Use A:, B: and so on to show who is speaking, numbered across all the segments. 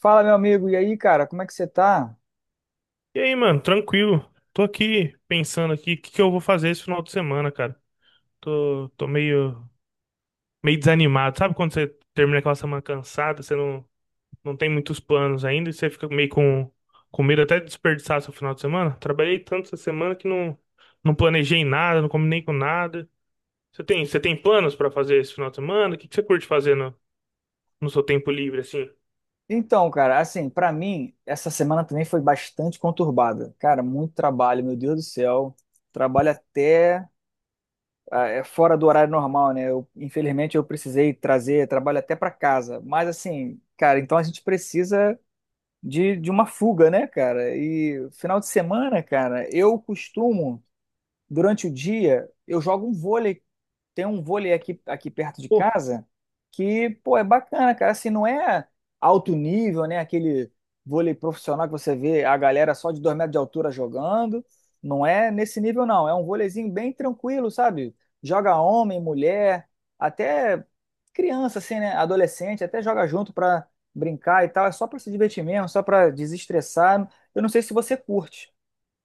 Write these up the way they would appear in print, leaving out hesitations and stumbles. A: Fala, meu amigo, e aí, cara, como é que você tá?
B: E aí, mano, tranquilo. Tô aqui pensando aqui o que que eu vou fazer esse final de semana, cara. Tô, tô meio, meio desanimado. Sabe quando você termina aquela semana cansada, você não, não tem muitos planos ainda e você fica com medo até de desperdiçar seu final de semana? Trabalhei tanto essa semana que não, não planejei nada, não combinei com nada. Você tem planos pra fazer esse final de semana? O que que você curte fazer no seu tempo livre, assim?
A: Então, cara, assim, pra mim, essa semana também foi bastante conturbada. Cara, muito trabalho, meu Deus do céu. Trabalho até é fora do horário normal, né? Eu, infelizmente, eu precisei trazer trabalho até pra casa. Mas, assim, cara, então a gente precisa de uma fuga, né, cara? E final de semana, cara, eu costumo, durante o dia, eu jogo um vôlei tem um vôlei aqui, aqui perto de
B: Pô,
A: casa que, pô, é bacana, cara. Assim, não é alto nível, né? Aquele vôlei profissional que você vê a galera só de 2 metros de altura jogando. Não é nesse nível, não. É um vôleizinho bem tranquilo, sabe? Joga homem, mulher, até criança, assim, né? Adolescente, até joga junto pra brincar e tal. É só pra se divertir mesmo, só pra desestressar. Eu não sei se você curte.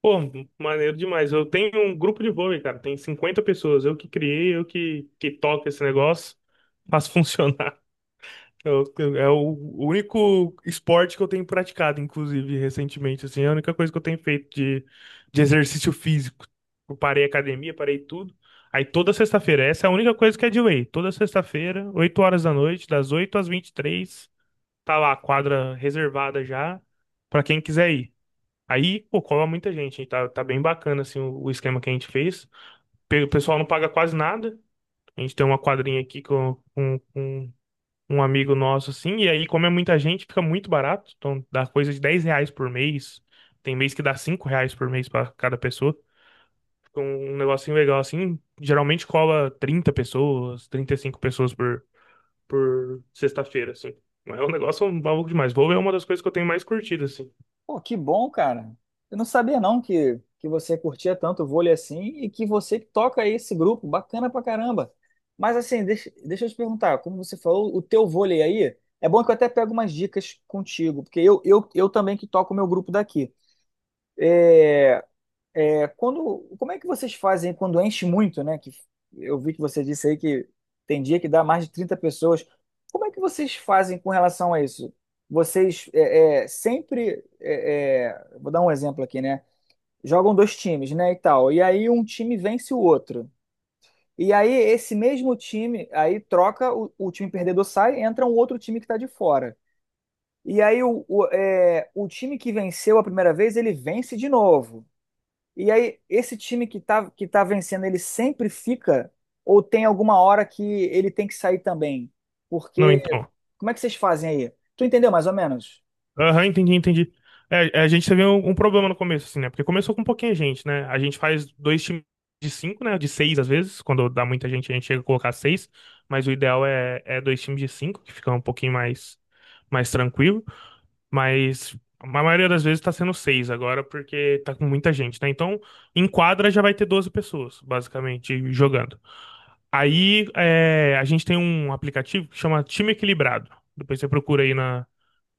B: Pô, maneiro demais. Eu tenho um grupo de vôlei, cara. Tem 50 pessoas. Eu que criei, que toco esse negócio. Faço funcionar. É o único esporte que eu tenho praticado, inclusive, recentemente. Assim, é a única coisa que eu tenho de exercício físico. Eu parei a academia, parei tudo. Aí toda sexta-feira, essa é a única coisa que é de lei. Toda sexta-feira, 8 horas da noite, das 8 às 23, tá lá a quadra reservada já, pra quem quiser ir. Aí, pô, cola muita gente, hein? Tá bem bacana, assim, o esquema que a gente fez. O pessoal não paga quase nada. A gente tem uma quadrinha aqui com um amigo nosso, assim, e aí, como é muita gente, fica muito barato. Então, dá coisa de 10 reais por mês. Tem mês que dá 5 reais por mês pra cada pessoa. Um negocinho legal, assim. Geralmente cola 30 pessoas, 35 por sexta-feira, assim. É um negócio maluco demais. Vou é uma das coisas que eu tenho mais curtido, assim.
A: Pô, que bom, cara. Eu não sabia não que você curtia tanto vôlei assim e que você toca esse grupo, bacana pra caramba. Mas assim, deixa eu te perguntar, como você falou, o teu vôlei aí, é bom que eu até pego umas dicas contigo, porque eu também que toco o meu grupo daqui. É, quando, como é que vocês fazem quando enche muito, né? Que eu vi que você disse aí que tem dia que dá mais de 30 pessoas. Como é que vocês fazem com relação a isso? Vocês vou dar um exemplo aqui, né? Jogam dois times, né, e tal. E aí um time vence o outro. E aí esse mesmo time, aí troca, o time perdedor sai, entra um outro time que tá de fora. E aí o time que venceu a primeira vez, ele vence de novo. E aí esse time que tá vencendo, ele sempre fica ou tem alguma hora que ele tem que sair também?
B: Não,
A: Porque
B: então.
A: como é que vocês fazem aí? Tu entendeu mais ou menos?
B: Aham, entendi. A gente teve um problema no começo, assim, né? Porque começou com pouquinha gente, né? A gente faz dois times de cinco, né? De seis às vezes. Quando dá muita gente, a gente chega a colocar seis. Mas o ideal é dois times de cinco, que fica um pouquinho mais tranquilo. Mas a maioria das vezes tá sendo seis agora, porque tá com muita gente, né? Então, em quadra já vai ter 12 pessoas, basicamente, jogando. Aí, é, a gente tem um aplicativo que chama Time Equilibrado. Depois você procura aí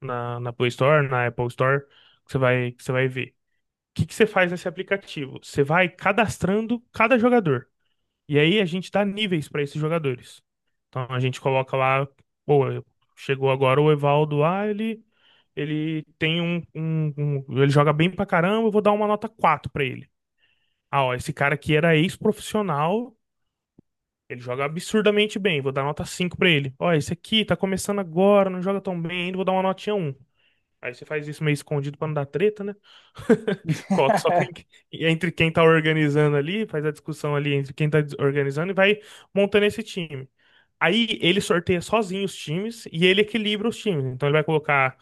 B: na Play Store, na Apple Store, que você vai ver. O que que você faz nesse aplicativo? Você vai cadastrando cada jogador. E aí a gente dá níveis para esses jogadores. Então a gente coloca lá, pô, chegou agora o Evaldo, ah, ele tem ele joga bem pra caramba, eu vou dar uma nota 4 pra ele. Ah, ó, esse cara aqui era ex-profissional, ele joga absurdamente bem, vou dar nota 5 pra ele. Ó, esse aqui tá começando agora, não joga tão bem ainda, vou dar uma notinha um. Aí você faz isso meio escondido pra não dar treta, né? Coloca só quem, entre quem tá organizando ali, faz a discussão ali entre quem tá organizando e vai montando esse time. Aí ele sorteia sozinho os times e ele equilibra os times. Então ele vai colocar.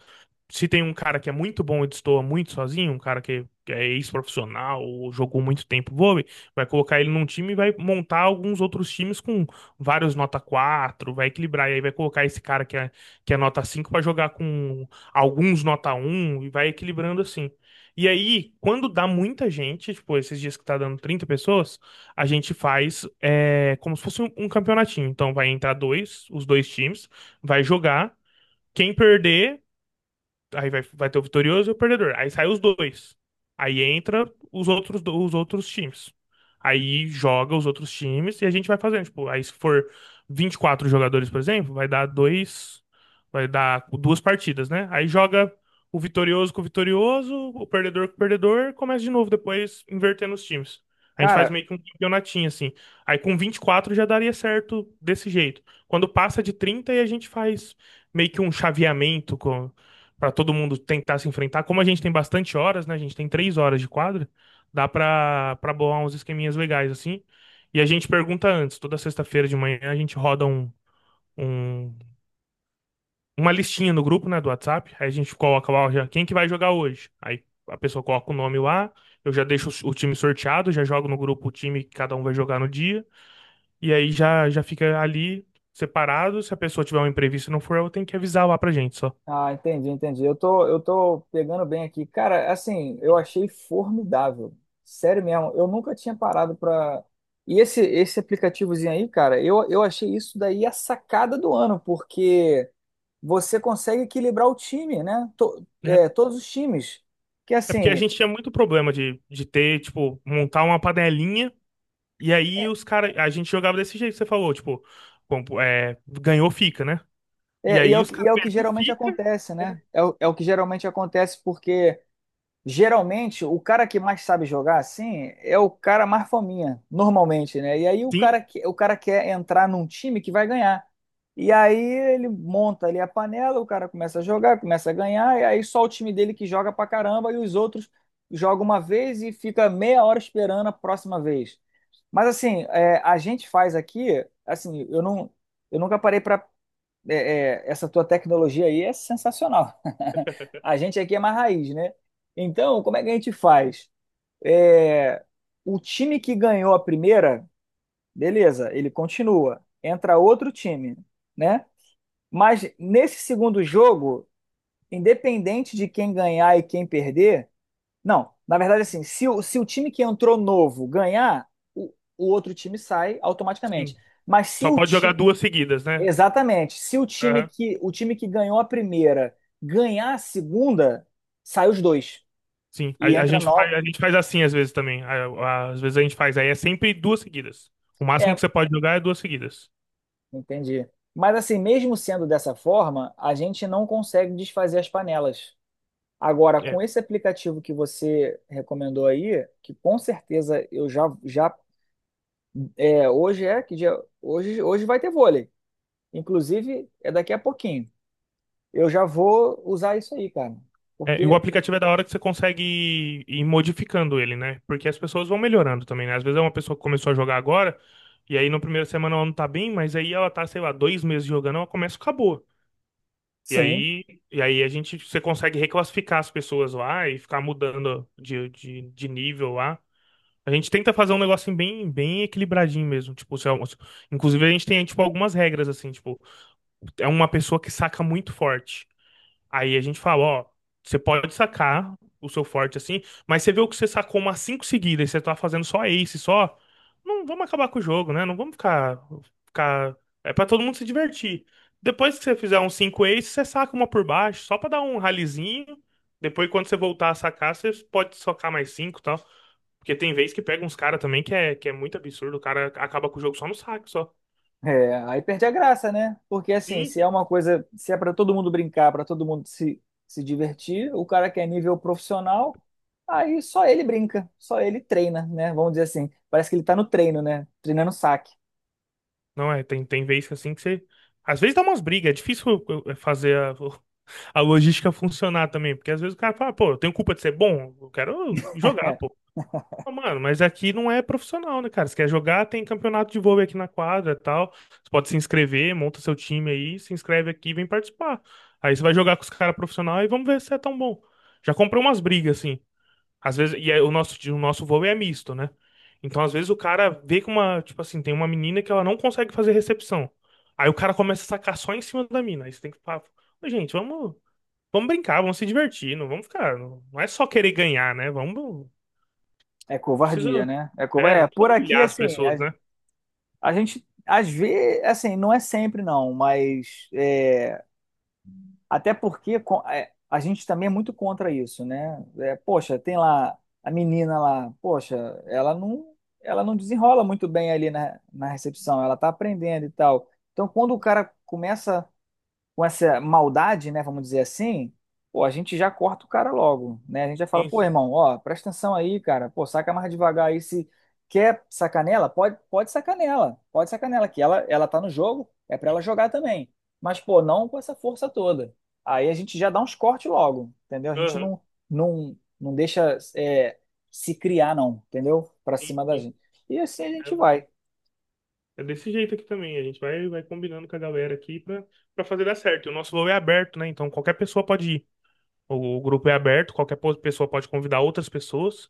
B: Se tem um cara que é muito bom e destoa muito sozinho, um cara que é ex-profissional ou jogou muito tempo vôlei, vai colocar ele num time e vai montar alguns outros times com vários nota 4. Vai equilibrar. E aí vai colocar esse cara que é nota 5 para jogar com alguns nota um e vai equilibrando assim. E aí, quando dá muita gente, tipo, esses dias que tá dando 30 pessoas a gente faz é, como se fosse um campeonatinho. Então vai entrar dois, os dois times, vai jogar. Quem perder Aí vai ter o vitorioso e o perdedor. Aí sai os dois. Aí entra os outros, os outros times. Aí joga os outros times e a gente vai fazendo. Tipo, aí se for 24 jogadores, por exemplo, vai dar dois. Vai dar duas partidas, né? Aí joga o vitorioso com o vitorioso, o perdedor com o perdedor, começa de novo depois, invertendo os times. A gente faz
A: Cara,
B: meio que um campeonatinho assim. Aí com 24 já daria certo desse jeito. Quando passa de 30 aí a gente faz meio que um chaveamento para todo mundo tentar se enfrentar. Como a gente tem bastante horas, né? A gente tem três horas de quadra, dá para bolar uns esqueminhas legais assim. E a gente pergunta antes, toda sexta-feira de manhã a gente roda um- uma listinha no grupo, né, do WhatsApp. Aí a gente coloca lá, ó, já, quem que vai jogar hoje? Aí a pessoa coloca o nome lá, eu já deixo o time sorteado, já jogo no grupo o time que cada um vai jogar no dia. E aí já fica ali separado. Se a pessoa tiver um imprevisto e não for, eu tenho que avisar lá pra gente só.
A: ah, entendi, entendi. Eu tô pegando bem aqui. Cara, assim, eu achei formidável. Sério mesmo, eu nunca tinha parado pra. E esse aplicativozinho aí, cara, eu achei isso daí a sacada do ano, porque você consegue equilibrar o time, né?
B: Né?
A: Todos os times. Que
B: É porque a
A: assim,
B: gente tinha muito problema de ter, tipo, montar uma panelinha e aí os caras. A gente jogava desse jeito que você falou, tipo, é, ganhou, fica, né? E aí os caras
A: é o que
B: ganham,
A: geralmente
B: fica.
A: acontece,
B: É,
A: né? É o, é o que geralmente acontece porque. Geralmente, o cara que mais sabe jogar assim é o cara mais fominha, normalmente, né? E aí o
B: sim,
A: o cara quer entrar num time que vai ganhar. E aí ele monta ali a panela, o cara começa a jogar, começa a ganhar, e aí só o time dele que joga pra caramba e os outros jogam uma vez e fica meia hora esperando a próxima vez. Mas assim, é, a gente faz aqui, assim, eu nunca parei para é, essa tua tecnologia aí é sensacional. A gente aqui é mais raiz, né? Então, como é que a gente faz? É, o time que ganhou a primeira, beleza, ele continua. Entra outro time, né? Mas nesse segundo jogo, independente de quem ganhar e quem perder, não, na verdade, assim, se o time que entrou novo ganhar, o outro time sai automaticamente.
B: sim.
A: Mas se
B: Só
A: o,
B: pode jogar
A: ti-
B: duas seguidas, né?
A: Exatamente. Se o time
B: Aham,
A: que o time que ganhou a primeira ganhar a segunda, sai os dois
B: sim. A,
A: e
B: a
A: entra
B: gente faz,
A: nove.
B: a gente faz assim às vezes também. Às vezes a gente faz. Aí é sempre duas seguidas. O máximo
A: É,
B: que você pode jogar é duas seguidas.
A: entendi. Mas assim, mesmo sendo dessa forma, a gente não consegue desfazer as panelas. Agora,
B: É.
A: com esse aplicativo que você recomendou aí, que com certeza eu já é, hoje é que dia, hoje vai ter vôlei. Inclusive, é daqui a pouquinho. Eu já vou usar isso aí, cara.
B: É, e o
A: Porque
B: aplicativo é da hora que você consegue ir, modificando ele, né? Porque as pessoas vão melhorando também, né? Às vezes é uma pessoa que começou a jogar agora, e aí na primeira semana ela não tá bem, mas aí ela tá, sei lá, dois meses jogando, ela começa e acabou. E
A: sim,
B: aí, e aí a gente, você consegue reclassificar as pessoas lá e ficar mudando de nível lá. A gente tenta fazer um negocinho bem equilibradinho mesmo. Tipo, se é um- inclusive a gente tem, tipo, algumas regras, assim, tipo, é uma pessoa que saca muito forte. Aí a gente fala, ó, você pode sacar o seu forte assim, mas você viu que você sacou umas cinco seguidas e você tá fazendo só ace, só. Não vamos acabar com o jogo, né? Não vamos ficar, ficar... É pra todo mundo se divertir. Depois que você fizer uns cinco aces, você saca uma por baixo, só pra dar um ralizinho. Depois, quando você voltar a sacar, você pode socar mais cinco e tal. Porque tem vez que pega uns caras também que é muito absurdo. O cara acaba com o jogo só no saque, só.
A: é, aí perde a graça, né? Porque assim,
B: Sim,
A: se é
B: sim.
A: uma coisa, se é para todo mundo brincar, para todo mundo se, se divertir, o cara que é nível profissional, aí só ele brinca, só ele treina, né? Vamos dizer assim, parece que ele tá no treino, né? Treinando saque.
B: Não é, tem, Tem vezes que assim que você. Às vezes dá umas brigas, é difícil eh, fazer a, a logística funcionar também, porque às vezes o cara fala, pô, eu tenho culpa de ser bom, eu quero jogar, pô. Não, mano, mas aqui não é profissional, né, cara? Você quer jogar, tem campeonato de vôlei aqui na quadra e tal. Você pode se inscrever, monta seu time aí, se inscreve aqui e vem participar. Aí você vai jogar com os caras profissionais e vamos ver se é tão bom. Já comprei umas brigas, assim. Às vezes, o nosso voo é misto, né? Então, às vezes, o cara vê que uma, tipo assim, tem uma menina que ela não consegue fazer recepção. Aí o cara começa a sacar só em cima da mina. Aí você tem que falar, "Ô, gente, vamos brincar, vamos se divertir, não vamos ficar. Não, não é só querer ganhar, né? Vamos.
A: É
B: Precisa.
A: covardia, né? É, cova-
B: É,
A: é
B: não
A: por
B: precisa
A: aqui
B: humilhar as
A: assim,
B: pessoas, né?
A: a gente às vezes, assim, não é sempre não, mas é, até porque a gente também é muito contra isso, né? É, poxa, tem lá a menina lá, poxa, ela não, ela não desenrola muito bem ali na recepção, ela tá aprendendo e tal. Então, quando o cara começa com essa maldade, né, vamos dizer assim, pô, a gente já corta o cara logo, né? A gente já fala,
B: Sim,
A: pô,
B: sim.
A: irmão, ó, presta atenção aí, cara, pô, saca mais devagar aí, se quer sacanela, pode, pode sacanela, que ela tá no jogo, é pra ela jogar também, mas, pô, não com essa força toda. Aí a gente já dá uns cortes logo, entendeu? A gente
B: Aham,
A: não, não, não deixa se criar, não, entendeu? Pra
B: sim,
A: cima da
B: sim.
A: gente. E assim a
B: É,
A: gente vai.
B: é desse jeito aqui também. Vai combinando com a galera aqui pra fazer dar certo. E o nosso voo é aberto, né? Então qualquer pessoa pode ir. O grupo é aberto, qualquer pessoa pode convidar outras pessoas.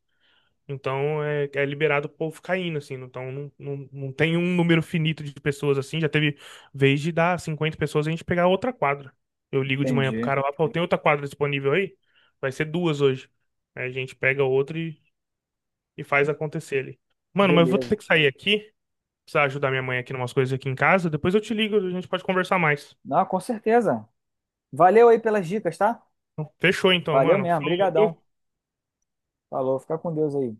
B: Então é liberado o povo caindo, assim. Então não tem um número finito de pessoas assim. Já teve vez de dar 50 pessoas e a gente pegar outra quadra. Eu ligo de manhã pro
A: Entendi.
B: cara lá, pô, tem outra quadra disponível aí? Vai ser duas hoje. Aí a gente pega outra e faz acontecer ali. Mano, mas eu vou ter
A: Beleza.
B: que sair aqui. Precisar ajudar minha mãe aqui em umas coisas aqui em casa. Depois eu te ligo, a gente pode conversar mais.
A: Não, com certeza. Valeu aí pelas dicas, tá?
B: Fechou então,
A: Valeu
B: mano.
A: mesmo,
B: Falou,
A: brigadão.
B: viu?
A: Falou, fica com Deus aí.